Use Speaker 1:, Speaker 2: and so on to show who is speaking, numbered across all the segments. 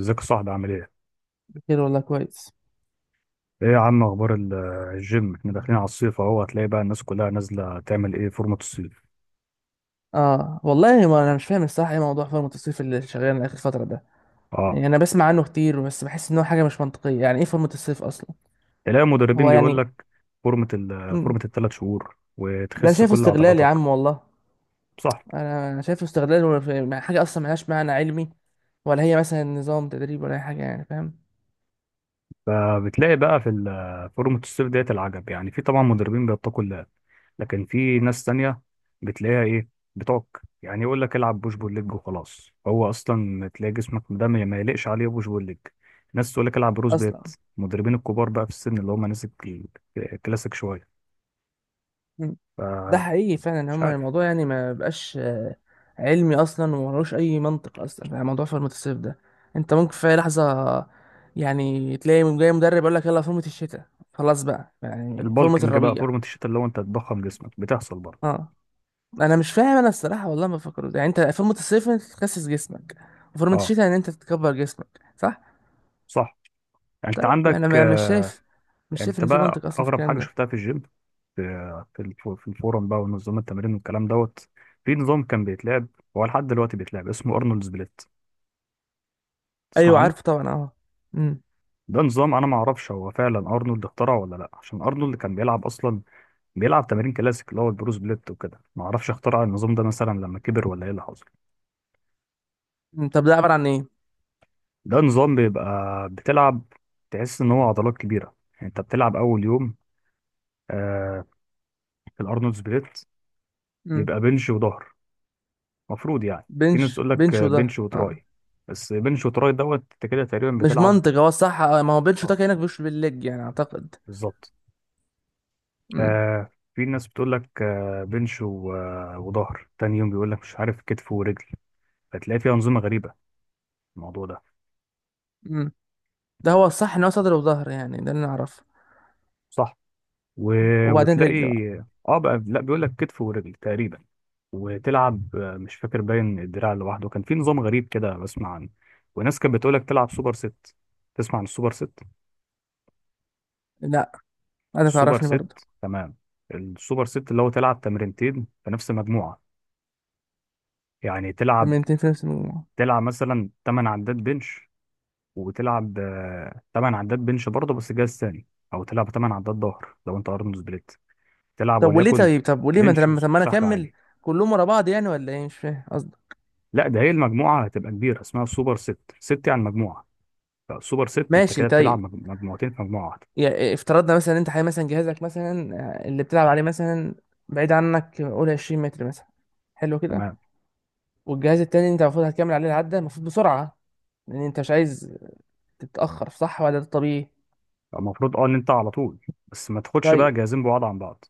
Speaker 1: ازيك يا صاحبي عامل ايه؟
Speaker 2: بخير والله كويس.
Speaker 1: ايه يا عم اخبار الجيم؟ احنا داخلين على الصيف اهو، هتلاقي بقى الناس كلها نازله تعمل ايه فورمه الصيف.
Speaker 2: اه والله، ما انا مش فاهم الصراحه ايه موضوع فورمه الصيف اللي شغال اخر فتره ده.
Speaker 1: اه.
Speaker 2: يعني انا بسمع عنه كتير بس بحس ان هو حاجه مش منطقيه، يعني ايه فورمه الصيف اصلا.
Speaker 1: تلاقي المدربين
Speaker 2: هو
Speaker 1: بيقول
Speaker 2: يعني
Speaker 1: لك فورمه فورمه
Speaker 2: مم.
Speaker 1: 3 شهور
Speaker 2: ده أنا
Speaker 1: وتخس
Speaker 2: شايفه
Speaker 1: كل
Speaker 2: استغلال يا
Speaker 1: عضلاتك.
Speaker 2: عم والله.
Speaker 1: صح؟
Speaker 2: انا شايفه استغلال، حاجه اصلا ملهاش معنى علمي، ولا هي مثلا نظام تدريب ولا اي حاجه، يعني فاهم
Speaker 1: فبتلاقي بقى في فورمه الصيف ديت العجب، يعني في طبعا مدربين بيتقوا الله، لكن في ناس تانية بتلاقيها ايه، بتعك. يعني يقول لك العب بوش بول ليج وخلاص، هو اصلا تلاقي جسمك ده ما يليقش عليه بوش بول ليج. ناس تقول لك العب بروس بيت.
Speaker 2: اصلا.
Speaker 1: المدربين الكبار بقى في السن، اللي هم ناس الكلاسيك شويه. ف
Speaker 2: ده حقيقي فعلا،
Speaker 1: مش
Speaker 2: هما
Speaker 1: عارف.
Speaker 2: الموضوع يعني ما بقاش علمي اصلا وملوش اي منطق اصلا، يعني موضوع فورمة الصيف ده انت ممكن في أي لحظة يعني تلاقي جاي مدرب يقول لك يلا فورمة الشتاء، خلاص بقى، يعني فورمة
Speaker 1: البالكنج بقى
Speaker 2: الربيع.
Speaker 1: فورمة الشتاء اللي هو انت تضخم جسمك، بتحصل برضه.
Speaker 2: اه انا مش فاهم انا الصراحة والله، ما بفكر يعني انت فورمة الصيف انت تخسس جسمك، وفورمة
Speaker 1: اه،
Speaker 2: الشتاء ان انت تكبر جسمك صح.
Speaker 1: صح. انت
Speaker 2: طيب انا
Speaker 1: عندك
Speaker 2: مش شايف، مش شايف
Speaker 1: انت
Speaker 2: ان في
Speaker 1: بقى
Speaker 2: منطق اصلا في
Speaker 1: اغرب
Speaker 2: الكلام
Speaker 1: حاجه
Speaker 2: ده.
Speaker 1: شفتها في الجيم، في الفورم بقى ونظام التمرين والكلام دوت. في نظام كان بيتلعب، هو لحد دلوقتي بيتلعب، اسمه ارنولد سبليت. تسمع
Speaker 2: ايوه
Speaker 1: عنه.
Speaker 2: عارفه طبعا، اه. امم.
Speaker 1: ده نظام انا ما اعرفش هو فعلا ارنولد اخترعه ولا لا، عشان ارنولد كان بيلعب اصلا بيلعب تمارين كلاسيك اللي هو البروس بليت وكده، ما اعرفش اخترع النظام ده مثلا لما كبر ولا ايه اللي حصل.
Speaker 2: إمم، طب ده عبارة عن ايه.
Speaker 1: ده نظام بيبقى بتلعب، تحس ان هو عضلات كبيره. يعني انت بتلعب اول يوم آه في الارنولد سبليت
Speaker 2: امم.
Speaker 1: بيبقى بنش وظهر. مفروض يعني، في ناس
Speaker 2: بنش
Speaker 1: تقول لك
Speaker 2: بنش وده
Speaker 1: بنش وتراي. بس بنش وتراي دوت انت كده تقريبا
Speaker 2: مش
Speaker 1: بتلعب.
Speaker 2: منطق، هو الصح ما هو بين
Speaker 1: اه،
Speaker 2: شوتات هناك مش بالليج يعني اعتقد.
Speaker 1: بالظبط.
Speaker 2: امم.
Speaker 1: آه في ناس بتقول لك آه بنش و- آه، وظهر تاني يوم بيقول لك مش عارف كتف ورجل، فتلاقي فيها أنظمة غريبة الموضوع ده.
Speaker 2: امم، ده هو الصح ان هو صدر وظهر، يعني ده اللي انا اعرفه.
Speaker 1: صح. و...
Speaker 2: وبعدين
Speaker 1: وتلاقي،
Speaker 2: رجل بقى.
Speaker 1: اه بقى لا، بيقول لك كتف ورجل تقريبا. وتلعب مش فاكر، باين الدراع لوحده كان في نظام غريب كده بسمع عنه. وناس كانت بتقول لك تلعب سوبر ست. تسمع عن السوبر ست.
Speaker 2: لا انا
Speaker 1: السوبر
Speaker 2: تعرفني برضه.
Speaker 1: ست، تمام. السوبر ست اللي هو تلعب تمرينتين في نفس مجموعة. يعني
Speaker 2: تمرينتين في نفس المجموعه.
Speaker 1: تلعب مثلا 8 عدات بنش، وتلعب 8 عدات بنش برضه بس جهاز ثاني، او تلعب 8 عدات ظهر لو انت ارنولد سبليت. تلعب
Speaker 2: طب وليه
Speaker 1: وليكن
Speaker 2: طيب طب وليه ما انت
Speaker 1: بنش
Speaker 2: لما، طب ما انا
Speaker 1: وسحب
Speaker 2: اكمل.
Speaker 1: عالي.
Speaker 2: كلهم ورا بعض يعني ولا ايه، مش فاهم قصدك.
Speaker 1: لا، ده هي المجموعه هتبقى كبيره اسمها سوبر ست. ست يعني مجموعه، فسوبر ست انت
Speaker 2: ماشي،
Speaker 1: كده بتلعب
Speaker 2: طيب.
Speaker 1: مجموعتين في مجموعه واحده.
Speaker 2: يعني افترضنا مثلا، انت حي مثلا جهازك مثلا اللي بتلعب عليه مثلا بعيد عنك قول 20 متر مثلا، حلو كده.
Speaker 1: تمام.
Speaker 2: والجهاز التاني انت المفروض هتكمل عليه العده المفروض بسرعه، لان انت مش عايز تتاخر، صح ولا ده طبيعي.
Speaker 1: المفروض اه ان انت على طول، بس ما تاخدش
Speaker 2: طيب،
Speaker 1: بقى جهازين بعاد عن بعض.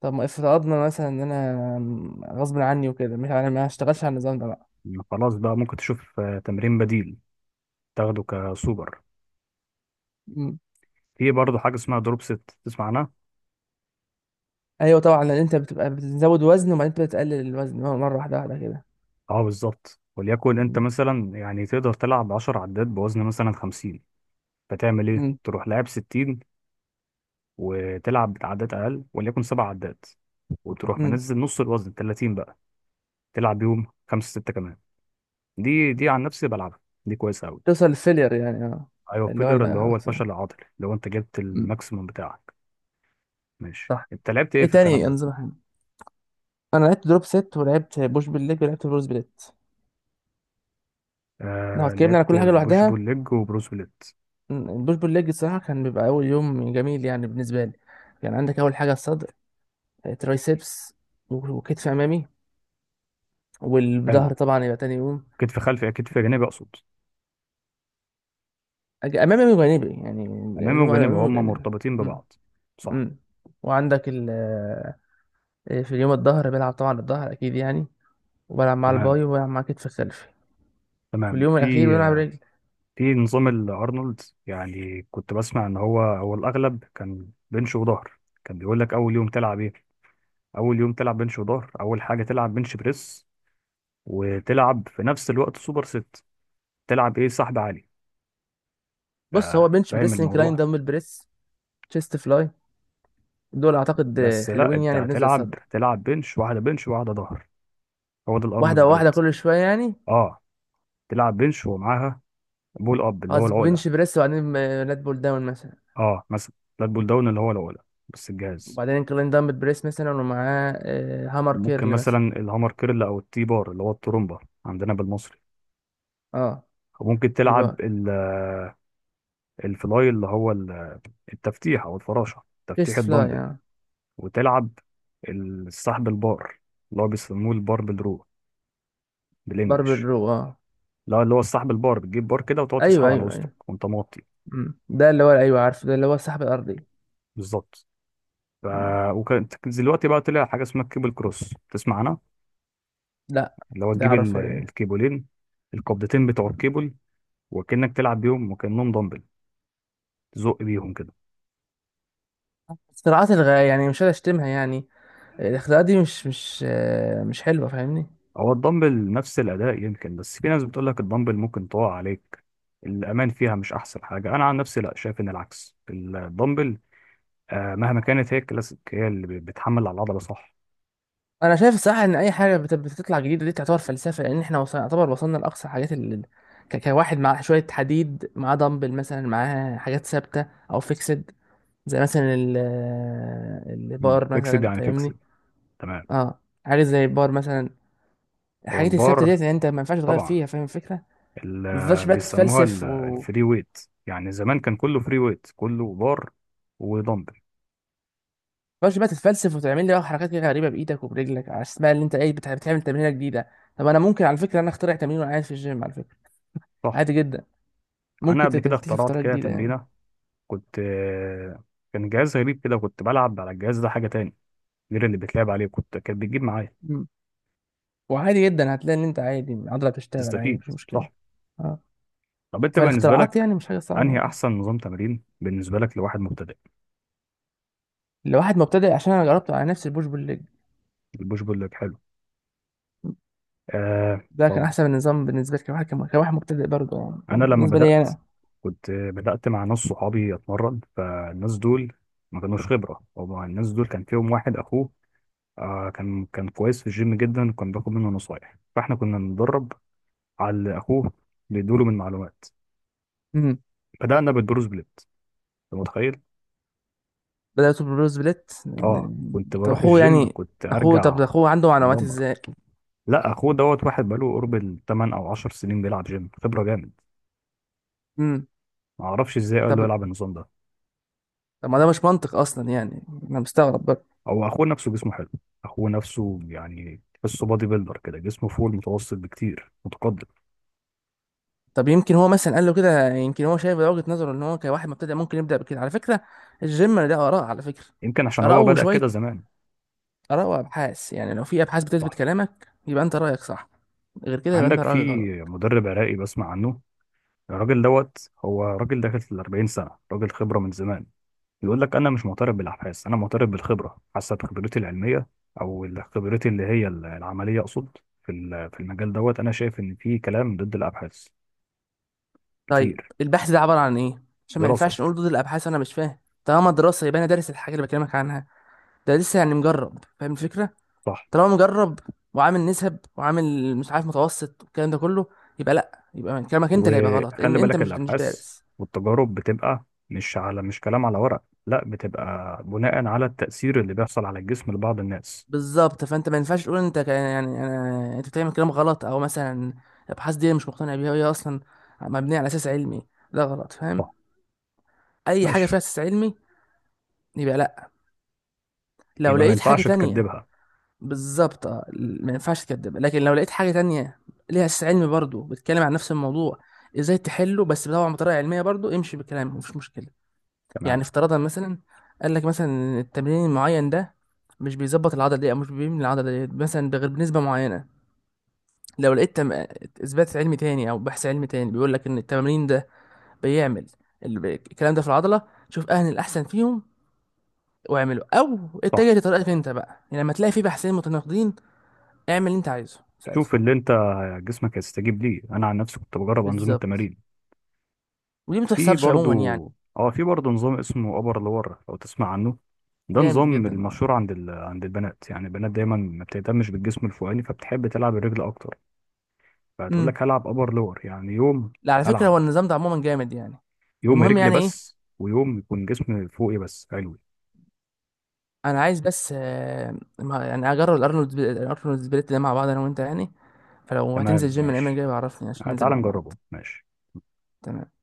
Speaker 2: طب ما افترضنا مثلا ان انا غصب عني وكده، مش انا ما هشتغلش على النظام ده بقى.
Speaker 1: خلاص بقى، ممكن تشوف تمرين بديل تاخده كسوبر.
Speaker 2: مم.
Speaker 1: في برضه حاجه اسمها دروب ست، تسمع عنها.
Speaker 2: ايوه طبعا، لان انت بتبقى بتزود وزن وبعدين انت بتقلل الوزن مره واحده واحده كده.
Speaker 1: اه، بالظبط. وليكن انت
Speaker 2: مم.
Speaker 1: مثلا، يعني تقدر تلعب 10 عدات بوزن مثلا 50، فتعمل ايه،
Speaker 2: مم.
Speaker 1: تروح لاعب 60 وتلعب بعدات اقل وليكن 7 عدات، وتروح
Speaker 2: مم.
Speaker 1: منزل نص الوزن 30 بقى، تلعب يوم خمسة ستة كمان. دي عن نفسي بلعبها، دي كويسة قوي.
Speaker 2: توصل للفيلير يعني، اه.
Speaker 1: ايوه،
Speaker 2: اللي هو
Speaker 1: فيلر اللي هو
Speaker 2: الاخر.
Speaker 1: الفشل العضلي اللي هو انت جبت
Speaker 2: مم.
Speaker 1: الماكسيموم بتاعك. ماشي،
Speaker 2: صح.
Speaker 1: انت لعبت ايه
Speaker 2: ايه
Speaker 1: في الكلام
Speaker 2: تاني
Speaker 1: ده.
Speaker 2: انظمه حلوه. انا لعبت دروب ست ولعبت بوش بالليج ولعبت بروز بليت. لو اتكلمنا على
Speaker 1: لعبت
Speaker 2: كل حاجه
Speaker 1: بوش
Speaker 2: لوحدها،
Speaker 1: بول ليج وبروس بليت.
Speaker 2: البوش بالليج الصراحه كان بيبقى اول يوم جميل يعني بالنسبه لي. يعني عندك اول حاجه الصدر، ترايسبس، وكتف امامي،
Speaker 1: حلو.
Speaker 2: والظهر طبعا يبقى تاني يوم.
Speaker 1: كتف جانبي اقصد،
Speaker 2: امامي وجانبي يعني،
Speaker 1: امامي
Speaker 2: اللي هم
Speaker 1: وجانبي
Speaker 2: امامي
Speaker 1: هما
Speaker 2: وجانبي.
Speaker 1: مرتبطين
Speaker 2: امم.
Speaker 1: ببعض. صح.
Speaker 2: امم. وعندك ال في اليوم الظهر بلعب طبعا الظهر اكيد يعني، وبلعب مع
Speaker 1: تمام،
Speaker 2: الباي وبلعب مع كتف الخلفي. في
Speaker 1: تمام.
Speaker 2: اليوم الاخير بلعب رجل.
Speaker 1: في نظام الارنولد يعني كنت بسمع ان هو الاغلب كان بنش وظهر. كان بيقول لك اول يوم تلعب ايه. اول يوم تلعب بنش وظهر، اول حاجه تلعب بنش بريس وتلعب في نفس الوقت سوبر ست، تلعب ايه، سحب عالي. ف-
Speaker 2: بص، هو بنش
Speaker 1: فاهم
Speaker 2: بريس، انكلاين
Speaker 1: الموضوع.
Speaker 2: دمبل بريس، تشيست فلاي، دول اعتقد
Speaker 1: بس لا،
Speaker 2: حلوين
Speaker 1: انت
Speaker 2: يعني بالنسبه للصدر.
Speaker 1: تلعب بنش واحده بنش واحده ظهر، هو ده الارنولد
Speaker 2: واحده واحده
Speaker 1: سبليت.
Speaker 2: كل شويه يعني.
Speaker 1: اه، تلعب بنش ومعاها بول اب اللي هو
Speaker 2: خلاص
Speaker 1: العقله.
Speaker 2: بنش بريس وبعدين لات بول داون مثلا،
Speaker 1: اه، مثلا فلات بول داون اللي هو العقله بس الجهاز.
Speaker 2: وبعدين انكلاين دمبل بريس مثلا ومعاه هامر
Speaker 1: ممكن
Speaker 2: كيرل
Speaker 1: مثلا
Speaker 2: مثلا.
Speaker 1: الهامر كيرل او التي بار اللي هو الترومبا عندنا بالمصري.
Speaker 2: اه،
Speaker 1: وممكن تلعب
Speaker 2: يبقى
Speaker 1: الفلاي اللي هو التفتيح او الفراشه تفتيح
Speaker 2: تشيست فلاي
Speaker 1: الدمبل.
Speaker 2: اه.
Speaker 1: وتلعب السحب البار اللي هو بيسموه الباربل رو
Speaker 2: باربل
Speaker 1: بالانجلش.
Speaker 2: رو اه.
Speaker 1: لا، اللي هو السحب البار، بتجيب بار كده وتقعد تسحب
Speaker 2: ايوه
Speaker 1: على
Speaker 2: ايوه
Speaker 1: وسطك
Speaker 2: ايوه.
Speaker 1: وانت موطي.
Speaker 2: مم. ده اللي هو، ايوه عارفه، ده اللي هو السحب الارضي.
Speaker 1: بالظبط. ف
Speaker 2: مم.
Speaker 1: وكانت دلوقتي بقى طلع حاجه اسمها الكيبل كروس، تسمع عنها.
Speaker 2: لا.
Speaker 1: اللي هو
Speaker 2: ده
Speaker 1: تجيب
Speaker 2: عرفها لي.
Speaker 1: الكيبلين، القبضتين بتوع
Speaker 2: مم.
Speaker 1: الكيبل، وكأنك تلعب بيهم وكأنهم دمبل، تزق بيهم كده.
Speaker 2: اختراعات الغاية يعني، مش قادر اشتمها يعني. الاختراعات دي مش مش حلوه، فاهمني.
Speaker 1: هو الدمبل نفس الأداء يمكن، بس في ناس بتقول لك الدمبل ممكن تقع عليك، الأمان فيها مش أحسن حاجة. أنا عن نفسي لا، شايف إن العكس، الدمبل مهما كانت هي الكلاسيك، هي اللي بتحمل على العضلة. صح.
Speaker 2: انا شايف الصراحه ان اي حاجه بتطلع جديده دي تعتبر فلسفه، لان احنا وصلنا يعتبر وصلنا لاقصى حاجات اللي كواحد مع شويه حديد معاه دمبل مثلا معاه حاجات ثابته او فيكسد، زي مثلا
Speaker 1: مم.
Speaker 2: البار
Speaker 1: فيكسد
Speaker 2: مثلا،
Speaker 1: يعني
Speaker 2: فاهمني.
Speaker 1: فيكسد، تمام.
Speaker 2: اه، حاجه زي البار مثلا،
Speaker 1: هو
Speaker 2: الحاجات الثابته
Speaker 1: البار
Speaker 2: ديت يعني انت ما ينفعش تغير
Speaker 1: طبعا
Speaker 2: فيها، فاهم الفكره. ما تفضلش
Speaker 1: اللي
Speaker 2: بقى
Speaker 1: بيسموها
Speaker 2: تتفلسف و
Speaker 1: الفري ويت. يعني زمان كان كله فري ويت، كله بار ودمبل.
Speaker 2: ما تفضلش بقى تتفلسف وتعمل لي بقى حركات كده غريبه بايدك وبرجلك على اسمها اللي انت ايه بتعمل تمرينه جديده. طب انا ممكن على فكره انا اخترع تمرين وانا قاعد في الجيم على فكره،
Speaker 1: صح.
Speaker 2: عادي جدا.
Speaker 1: أنا
Speaker 2: ممكن
Speaker 1: قبل كده
Speaker 2: تكتشف
Speaker 1: اخترعت
Speaker 2: طريقه
Speaker 1: كده
Speaker 2: جديده يعني.
Speaker 1: تمرينة. كنت آه، كان جهاز غريب كده، كنت بلعب على الجهاز ده حاجة تاني غير اللي بتلعب عليه، كنت كانت بتجيب معايا.
Speaker 2: مم. وعادي جدا هتلاقي ان انت عادي العضله بتشتغل عادي
Speaker 1: تستفيد.
Speaker 2: مفيش مشكله.
Speaker 1: صح.
Speaker 2: اه.
Speaker 1: طب انت بالنسبه
Speaker 2: فالاختراعات
Speaker 1: لك،
Speaker 2: يعني مش حاجه صعبه
Speaker 1: انهي
Speaker 2: يعني.
Speaker 1: احسن نظام تمرين بالنسبه لك لواحد مبتدئ؟
Speaker 2: لواحد مبتدئ، عشان انا جربته على نفسي البوش بول ليج.
Speaker 1: البوش بول لك حلو، آه.
Speaker 2: ده
Speaker 1: طب
Speaker 2: كان احسن نظام بالنسبه لي كواحد كواحد مبتدئ برضه، يعني كان
Speaker 1: انا لما
Speaker 2: بالنسبه لي
Speaker 1: بدات
Speaker 2: انا.
Speaker 1: كنت بدات مع ناس صحابي اتمرن، فالناس دول ما كانوش خبره. هو الناس دول كان فيهم واحد اخوه، كان كويس في الجيم جدا، وكان باخد منه نصايح، فاحنا كنا بنتدرب على اللي اخوه بيدوله من معلومات.
Speaker 2: مم.
Speaker 1: بدانا بالبروس بليت، انت متخيل.
Speaker 2: بدأت ببروز بليت
Speaker 1: اه،
Speaker 2: يعني.
Speaker 1: كنت
Speaker 2: طب
Speaker 1: بروح
Speaker 2: اخوه
Speaker 1: الجيم
Speaker 2: يعني،
Speaker 1: كنت
Speaker 2: اخوه طب
Speaker 1: ارجع
Speaker 2: اخوه عنده معلومات
Speaker 1: اتدمر.
Speaker 2: ازاي.
Speaker 1: لا، اخوه دوت واحد بقاله قرب الثمان او 10 سنين بيلعب جيم، خبره جامد.
Speaker 2: امم.
Speaker 1: ما اعرفش ازاي قال
Speaker 2: طب،
Speaker 1: له يلعب النظام ده.
Speaker 2: طب ما ده مش منطق اصلا يعني، انا مستغرب برضه.
Speaker 1: او اخوه نفسه جسمه حلو، اخوه نفسه يعني تحسه بادي بيلدر كده، جسمه فوق المتوسط بكتير، متقدم.
Speaker 2: طب يمكن هو مثلا قال له كده، يمكن هو شايف وجهة نظره ان هو كواحد مبتدئ ممكن يبدأ بكده على فكرة. الجيم ده آراء على فكرة،
Speaker 1: يمكن عشان
Speaker 2: آراء
Speaker 1: هو بدأ كده
Speaker 2: وشوية،
Speaker 1: زمان.
Speaker 2: آراء وأبحاث. يعني لو في أبحاث بتثبت
Speaker 1: صح.
Speaker 2: كلامك يبقى أنت رأيك صح، غير كده يبقى أنت
Speaker 1: عندك في
Speaker 2: رأيك غلط.
Speaker 1: مدرب عراقي بسمع عنه، الراجل دوت هو راجل داخل في ال 40 سنه، راجل خبره من زمان. يقول لك انا مش معترف بالابحاث، انا معترف بالخبره، حسب خبرتي العلميه، او خبرتي اللي هي العمليه اقصد في المجال دوت، انا شايف ان في كلام ضد الابحاث
Speaker 2: طيب
Speaker 1: كتير.
Speaker 2: البحث ده عبارة عن إيه، عشان ما
Speaker 1: دراسه.
Speaker 2: ينفعش نقول ضد الأبحاث، أنا مش فاهم. طالما دراسة يبقى أنا دارس الحاجة اللي بكلمك عنها، ده لسه يعني مجرب، فاهم الفكرة.
Speaker 1: صح.
Speaker 2: طالما مجرب وعامل نسب وعامل مش عارف متوسط والكلام ده كله، يبقى لا، يبقى كلامك انت اللي هيبقى غلط لان
Speaker 1: وخلي
Speaker 2: انت
Speaker 1: بالك
Speaker 2: مش
Speaker 1: الابحاث
Speaker 2: دارس.
Speaker 1: والتجارب بتبقى مش كلام على ورق، لا، بتبقى بناء على التاثير اللي بيحصل على الجسم لبعض الناس.
Speaker 2: بالظبط، فانت ما ينفعش تقول انت يعني انت بتعمل كلام غلط، او مثلا الابحاث دي مش مقتنع بيها وهي اصلا مبنيه على اساس علمي، ده غلط
Speaker 1: صح.
Speaker 2: فاهم. اي حاجه
Speaker 1: ماشي،
Speaker 2: فيها اساس علمي يبقى لا، لو
Speaker 1: يبقى ما
Speaker 2: لقيت حاجه
Speaker 1: ينفعش
Speaker 2: تانية.
Speaker 1: تكدبها.
Speaker 2: بالظبط ما ينفعش تكذب، لكن لو لقيت حاجه تانية ليها اساس علمي برضه بتتكلم عن نفس الموضوع ازاي تحله، بس طبعا بطريقه علميه برضه، امشي بكلامه مفيش مشكله. يعني
Speaker 1: تمام.
Speaker 2: افتراضا مثلا قال لك مثلا إن التمرين المعين ده مش بيظبط العضله دي، او مش بيبني العضله دي مثلا بغير بنسبه معينه، لو لقيت اثبات علمي تاني او بحث علمي تاني بيقول لك ان التمرين ده بيعمل الكلام ده في العضله، شوف اهل الاحسن فيهم واعمله، او
Speaker 1: صح.
Speaker 2: اتجه لطريقتك انت بقى. يعني لما تلاقي في بحثين متناقضين اعمل اللي انت عايزه ساعتها.
Speaker 1: شوف اللي انت جسمك هيستجيب ليه، انا عن نفسي كنت بجرب انظمه
Speaker 2: بالظبط.
Speaker 1: تمارين.
Speaker 2: ودي ما
Speaker 1: في
Speaker 2: بتحصلش
Speaker 1: برضو
Speaker 2: عموما يعني.
Speaker 1: اه في برضو نظام اسمه ابر لور، لو تسمع عنه. ده
Speaker 2: جامد
Speaker 1: نظام
Speaker 2: جدا اه.
Speaker 1: المشهور عند البنات، يعني البنات دايما ما بتهتمش بالجسم الفوقاني فبتحب تلعب الرجل اكتر، فهتقول
Speaker 2: امم.
Speaker 1: لك هلعب ابر لور، يعني يوم
Speaker 2: لا على فكره
Speaker 1: هلعب
Speaker 2: هو النظام ده عموما جامد يعني.
Speaker 1: يوم
Speaker 2: المهم
Speaker 1: رجل
Speaker 2: يعني ايه،
Speaker 1: بس ويوم يكون جسم فوقي بس. حلو.
Speaker 2: انا عايز بس يعني اجرب الارنولد، الارنولد سبليت ده مع بعض انا وانت يعني. فلو
Speaker 1: تمام،
Speaker 2: هتنزل جيم الايام
Speaker 1: ماشي.
Speaker 2: الجايه بعرفني عشان ننزل
Speaker 1: تعال
Speaker 2: مع بعض.
Speaker 1: نجربه. ماشي.
Speaker 2: تمام.